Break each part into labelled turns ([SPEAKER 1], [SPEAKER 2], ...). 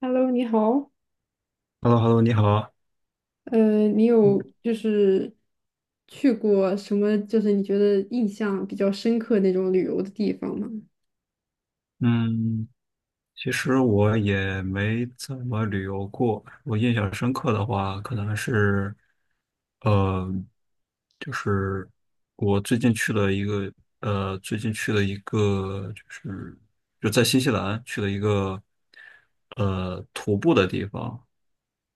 [SPEAKER 1] Hello，你好。
[SPEAKER 2] h e l l o h e l l o 你好。
[SPEAKER 1] 你有就是去过什么，就是你觉得印象比较深刻那种旅游的地方吗？
[SPEAKER 2] 嗯，其实我也没怎么旅游过。我印象深刻的话，可能是，呃，就是我最近去了一个，呃，最近去了一个，就是就在新西兰去了一个，徒步的地方。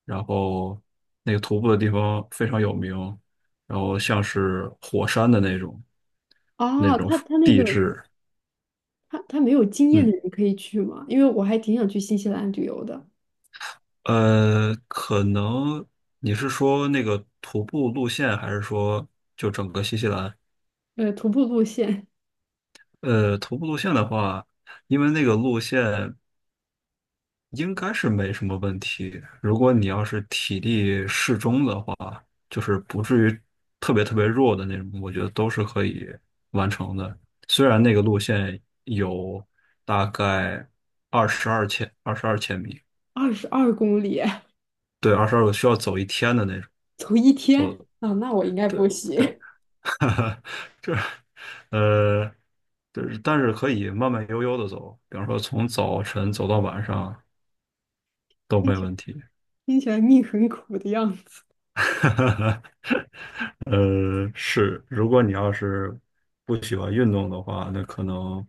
[SPEAKER 2] 然后那个徒步的地方非常有名，然后像是火山的那种那
[SPEAKER 1] 啊，
[SPEAKER 2] 种
[SPEAKER 1] 他那
[SPEAKER 2] 地
[SPEAKER 1] 个
[SPEAKER 2] 质。
[SPEAKER 1] 他没有经验的
[SPEAKER 2] 嗯。
[SPEAKER 1] 人可以去吗？因为我还挺想去新西兰旅游的。
[SPEAKER 2] 可能你是说那个徒步路线，还是说就整个新西兰？
[SPEAKER 1] 徒步路线
[SPEAKER 2] 徒步路线的话，因为那个路线应该是没什么问题。如果你要是体力适中的话，就是不至于特别特别弱的那种，我觉得都是可以完成的。虽然那个路线有大概二十二千米，
[SPEAKER 1] 22公里，
[SPEAKER 2] 对，22个需要走一天的那种，
[SPEAKER 1] 走一天
[SPEAKER 2] 走，
[SPEAKER 1] 啊，那我应该
[SPEAKER 2] 对。
[SPEAKER 1] 不
[SPEAKER 2] 对
[SPEAKER 1] 行。
[SPEAKER 2] 这，这，呃，就是但是可以慢慢悠悠的走，比方说从早晨走到晚上 都
[SPEAKER 1] 听
[SPEAKER 2] 没
[SPEAKER 1] 起来
[SPEAKER 2] 问题。
[SPEAKER 1] 听起来命很苦的样子。
[SPEAKER 2] 是，如果你要是不喜欢运动的话，那可能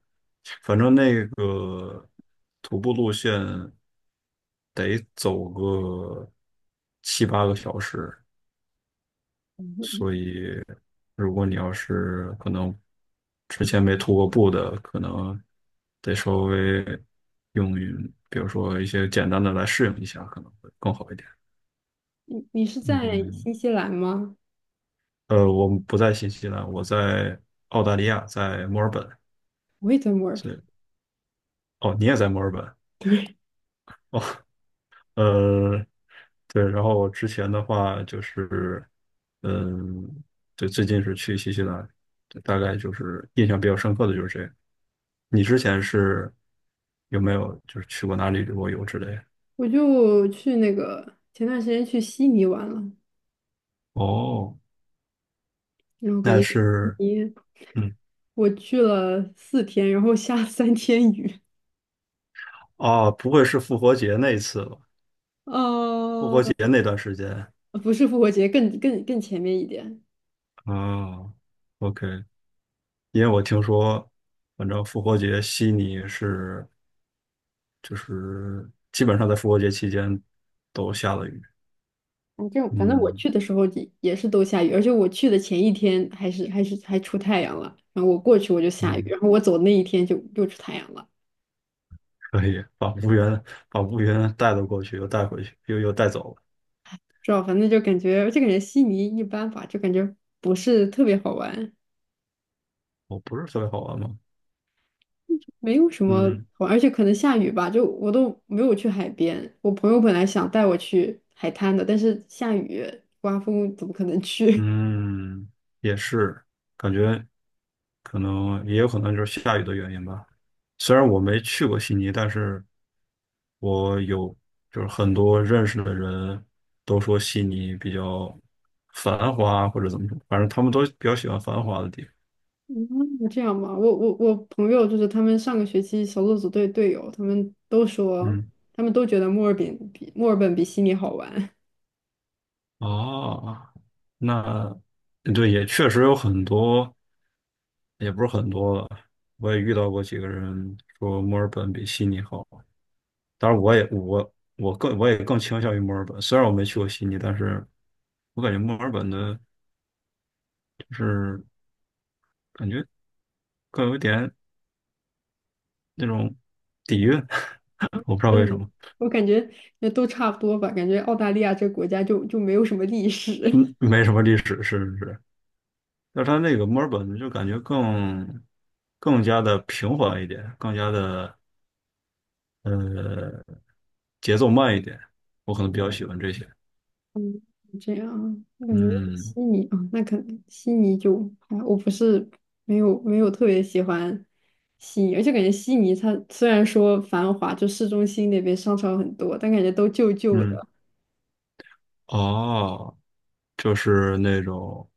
[SPEAKER 2] 反正那个徒步路线得走个七八个小时，所 以如果你要是可能之前没涂过布的，可能得稍微用于，比如说一些简单的来适应一下，可能会更好一点。
[SPEAKER 1] 你是在
[SPEAKER 2] 嗯，
[SPEAKER 1] 新西兰吗？
[SPEAKER 2] 我们不在新西兰，我在澳大利亚，在墨尔本。
[SPEAKER 1] 我也在墨尔本，
[SPEAKER 2] 所以，哦，你也在墨尔本？哦。呃，对，然后我之前的话就是，嗯，对，最近是去新西兰，对大概就是印象比较深刻的就是这个。你之前是有没有就是去过哪里旅过游之类的？
[SPEAKER 1] 我就去那个前段时间去悉尼玩了。
[SPEAKER 2] 哦，
[SPEAKER 1] 然后感
[SPEAKER 2] 那
[SPEAKER 1] 觉
[SPEAKER 2] 是，
[SPEAKER 1] 你
[SPEAKER 2] 嗯，
[SPEAKER 1] 我去了4天，然后下了3天雨，
[SPEAKER 2] 哦，不会是复活节那一次吧？复
[SPEAKER 1] 呃，
[SPEAKER 2] 活节那段时间，
[SPEAKER 1] 不是复活节，更前面一点。
[SPEAKER 2] 啊，OK，因为我听说，反正复活节悉尼是。就是基本上在复活节期间都下了雨。
[SPEAKER 1] 反正我
[SPEAKER 2] 嗯
[SPEAKER 1] 去的时候也是都下雨，而且我去的前一天还是还出太阳了，然后我过去我就下雨，
[SPEAKER 2] 嗯，
[SPEAKER 1] 然后我走那一天就又出太阳了，
[SPEAKER 2] 可以把乌云带了过去，又带回去，又带走了。
[SPEAKER 1] 知道？反正就感觉这个人悉尼一般吧，就感觉不是特别好玩。
[SPEAKER 2] 我不是特别好玩吗？
[SPEAKER 1] 没有什么
[SPEAKER 2] 嗯
[SPEAKER 1] 好玩，而且可能下雨吧，就我都没有去海边。我朋友本来想带我去海滩的，但是下雨刮风，怎么可能去？
[SPEAKER 2] 嗯，也是，感觉可能也有可能就是下雨的原因吧。虽然我没去过悉尼，但是我有就是很多认识的人都说悉尼比较繁华或者怎么说，反正他们都比较喜欢繁华的地方。
[SPEAKER 1] 嗯，这样吧，我朋友就是他们上个学期小组组队队友，他们都说，
[SPEAKER 2] 嗯。
[SPEAKER 1] 他们都觉得墨尔本比墨尔本比悉尼好玩。
[SPEAKER 2] 哦，那对，也确实有很多，也不是很多了。我也遇到过几个人说墨尔本比悉尼好，当然我也更倾向于墨尔本，虽然我没去过悉尼，但是我感觉墨尔本的就是感觉更有一点那种底蕴，我不知道为什
[SPEAKER 1] 嗯，
[SPEAKER 2] 么，
[SPEAKER 1] 我感觉也都差不多吧，感觉澳大利亚这个国家就没有什么历史。
[SPEAKER 2] 嗯，没什么历史，是是是，但是它那个墨尔本就感觉更加的平缓一点，更加的呃，节奏慢一点，我可能比较喜欢这些。
[SPEAKER 1] 这样，我感觉
[SPEAKER 2] 嗯
[SPEAKER 1] 悉尼啊，那可能悉尼就还我不是没有特别喜欢悉尼，而且感觉悉尼它虽然说繁华，就市中心那边商场很多，但感觉都旧旧
[SPEAKER 2] 嗯，
[SPEAKER 1] 的。
[SPEAKER 2] 哦，就是那种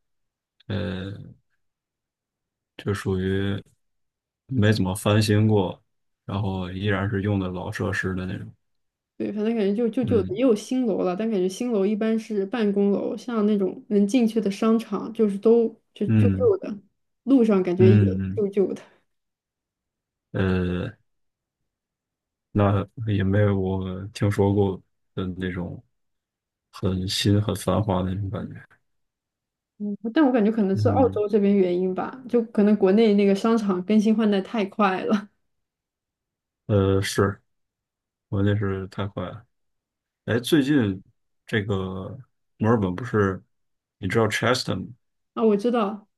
[SPEAKER 2] 呃，就属于没怎么翻新过，然后依然是用的老设施的那种。
[SPEAKER 1] 对，反正感觉就旧旧的，
[SPEAKER 2] 嗯
[SPEAKER 1] 也有新楼了，但感觉新楼一般是办公楼，像那种能进去的商场，就是都就旧
[SPEAKER 2] 嗯
[SPEAKER 1] 旧的，路上感觉也
[SPEAKER 2] 嗯
[SPEAKER 1] 旧旧的。
[SPEAKER 2] 嗯，那也没有我听说过的那种很新很繁华的那种感觉。
[SPEAKER 1] 嗯，但我感觉可能是澳
[SPEAKER 2] 嗯，
[SPEAKER 1] 洲这边原因吧，就可能国内那个商场更新换代太快了。
[SPEAKER 2] 是，我那是太快了。哎，最近这个墨尔本不是，你知道 Cheston
[SPEAKER 1] 啊，我知道，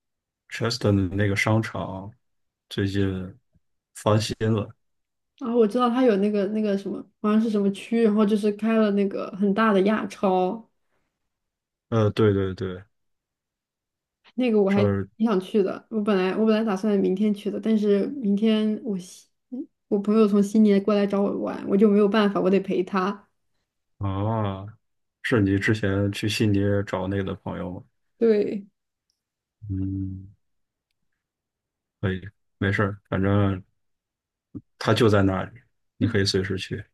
[SPEAKER 2] Cheston 的那个商场最近，
[SPEAKER 1] 啊，我知道他有那个那个什么，好像是什么区，然后就是开了那个很大的亚超，
[SPEAKER 2] 对对对，
[SPEAKER 1] 那个我
[SPEAKER 2] 这
[SPEAKER 1] 还
[SPEAKER 2] 儿
[SPEAKER 1] 挺想去的。我本来打算明天去的，但是明天我朋友从悉尼过来找我玩，我就没有办法，我得陪他。
[SPEAKER 2] 啊，是你之前去悉尼找那个的朋友吗？
[SPEAKER 1] 对，
[SPEAKER 2] 嗯，可以，没事儿，反正他就在那里，你可以随时去。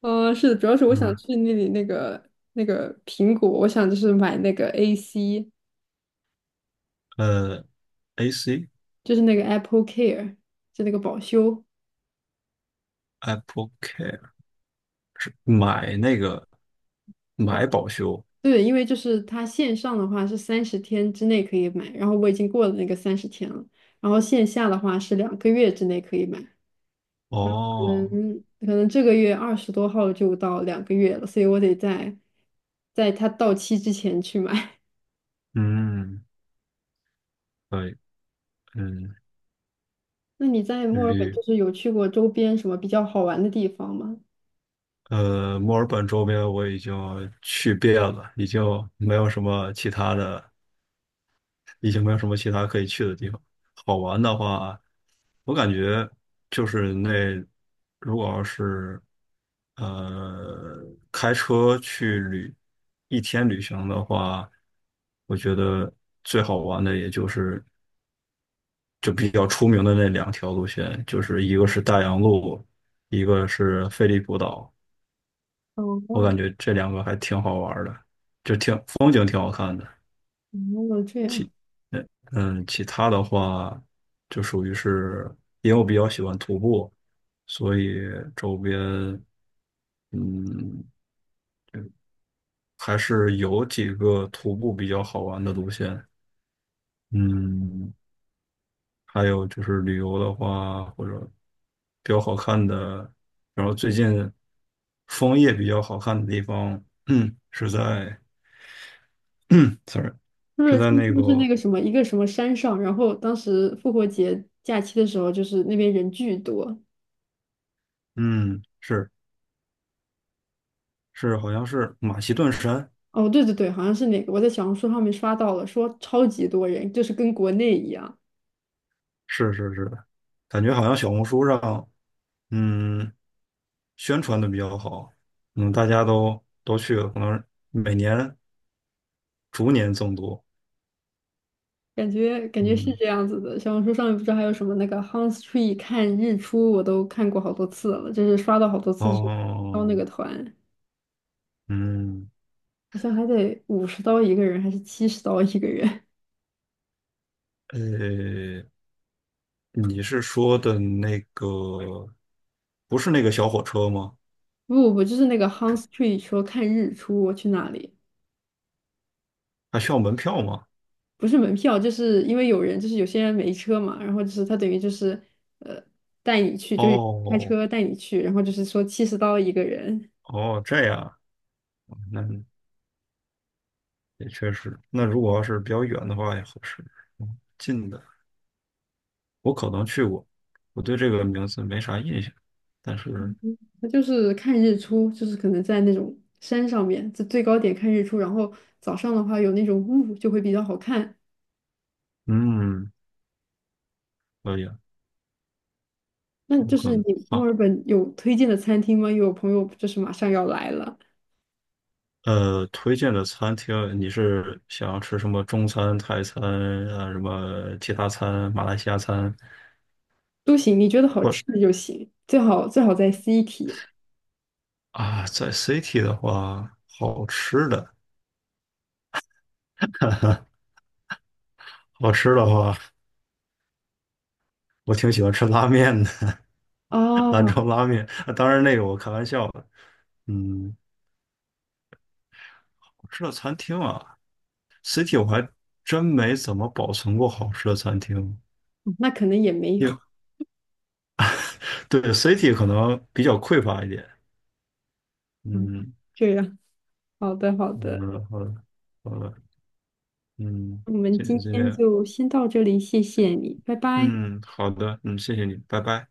[SPEAKER 1] 嗯、是的，主要是我想
[SPEAKER 2] 嗯，
[SPEAKER 1] 去那里那个那个苹果，我想就是买那个 AC，
[SPEAKER 2] 呃，AC
[SPEAKER 1] 就是那个 Apple Care，就那个保修。
[SPEAKER 2] Apple Care 买那个买保修
[SPEAKER 1] 对，因为就是它线上的话是三十天之内可以买，然后我已经过了那个三十天了，然后线下的话是两个月之内可以买，可
[SPEAKER 2] 哦，
[SPEAKER 1] 能可能这个月20多号就到两个月了，所以我得在它到期之前去买。
[SPEAKER 2] 嗯，可以，嗯，
[SPEAKER 1] 那你在墨尔本
[SPEAKER 2] 绿。
[SPEAKER 1] 就是有去过周边什么比较好玩的地方吗？
[SPEAKER 2] 墨尔本周边我已经去遍了，已经没有什么其他的，已经没有什么其他可以去的地方。好玩的话，我感觉就是那，如果要是呃开车去一天旅行的话，我觉得最好玩的也就是就比较出名的那两条路线，就是一个是大洋路，一个是菲利普岛。我
[SPEAKER 1] 哦
[SPEAKER 2] 感觉这两个还挺好玩儿的，就挺风景挺好看的。
[SPEAKER 1] 哦，这样，
[SPEAKER 2] 其，嗯嗯，其他的话就属于是，因为我比较喜欢徒步，所以周边嗯还是有几个徒步比较好玩的路线。嗯，还有就是旅游的话，或者比较好看的，然后最近枫叶比较好看的地方，嗯，是在 ，sorry，
[SPEAKER 1] 就
[SPEAKER 2] 是
[SPEAKER 1] 是它
[SPEAKER 2] 在
[SPEAKER 1] 是
[SPEAKER 2] 那
[SPEAKER 1] 不是那
[SPEAKER 2] 个
[SPEAKER 1] 个什么一个什么山上，然后当时复活节假期的时候，就是那边人巨多。
[SPEAKER 2] 嗯，是是，好像是马其顿山，
[SPEAKER 1] 哦，对对对，好像是那个，我在小红书上面刷到了，说超级多人，就是跟国内一样，
[SPEAKER 2] 是是是。感觉好像小红书上，嗯，宣传的比较好，嗯，大家都去了，可能每年逐年增多，
[SPEAKER 1] 感觉感觉是
[SPEAKER 2] 嗯，
[SPEAKER 1] 这样子的。小红书上面不知道还有什么那个 Hans Tree t 看日出，我都看过好多次了，就是刷到好多次，就是招
[SPEAKER 2] 哦，
[SPEAKER 1] 那个团，
[SPEAKER 2] 嗯，
[SPEAKER 1] 好像还得50刀一个人，还是七十刀一个人？
[SPEAKER 2] 呃，你是说的那个，不是那个小火车吗？
[SPEAKER 1] 不不不，就是那个 Hans Tree t 说看日出，我去那里
[SPEAKER 2] 还需要门票吗？
[SPEAKER 1] 不是门票，就是因为有人，就是有些人没车嘛，然后就是他等于就是呃带你去，就是开
[SPEAKER 2] 哦
[SPEAKER 1] 车带你去，然后就是说七十刀一个人。
[SPEAKER 2] 哦，这样啊，那也确实，那如果要是比较远的话也合适，近的。我可能去过，我对这个名字没啥印象，但是，
[SPEAKER 1] 它就是看日出，就是可能在那种山上面，在最高点看日出，然后早上的话有那种雾，就会比较好看。
[SPEAKER 2] 嗯，可以啊
[SPEAKER 1] 那
[SPEAKER 2] 有
[SPEAKER 1] 就
[SPEAKER 2] 可
[SPEAKER 1] 是你
[SPEAKER 2] 能。
[SPEAKER 1] 墨
[SPEAKER 2] 好，
[SPEAKER 1] 尔本有推荐的餐厅吗？有朋友就是马上要来了，
[SPEAKER 2] 推荐的餐厅，你是想要吃什么中餐、泰餐啊，什么其他餐、马来西亚餐，
[SPEAKER 1] 都行，你觉得好
[SPEAKER 2] 或
[SPEAKER 1] 吃的就行，最好最好在 city
[SPEAKER 2] 在 City 的话，好吃的话，我挺喜欢吃拉面的，兰
[SPEAKER 1] 哦，
[SPEAKER 2] 州拉面。啊当然，那个我开玩笑的。嗯，好吃的餐厅啊，City 我还真没怎么保存过好吃的餐厅。
[SPEAKER 1] 那可能也没有，
[SPEAKER 2] 对，city 可能比较匮乏一点。
[SPEAKER 1] 嗯，
[SPEAKER 2] 嗯，
[SPEAKER 1] 这样，好的好
[SPEAKER 2] 好
[SPEAKER 1] 的，
[SPEAKER 2] 的，好的，好的，嗯，
[SPEAKER 1] 我们
[SPEAKER 2] 谢
[SPEAKER 1] 今
[SPEAKER 2] 谢，谢
[SPEAKER 1] 天
[SPEAKER 2] 谢，
[SPEAKER 1] 就先到这里，谢谢你，拜拜。
[SPEAKER 2] 嗯，好的，嗯，谢谢你，拜拜。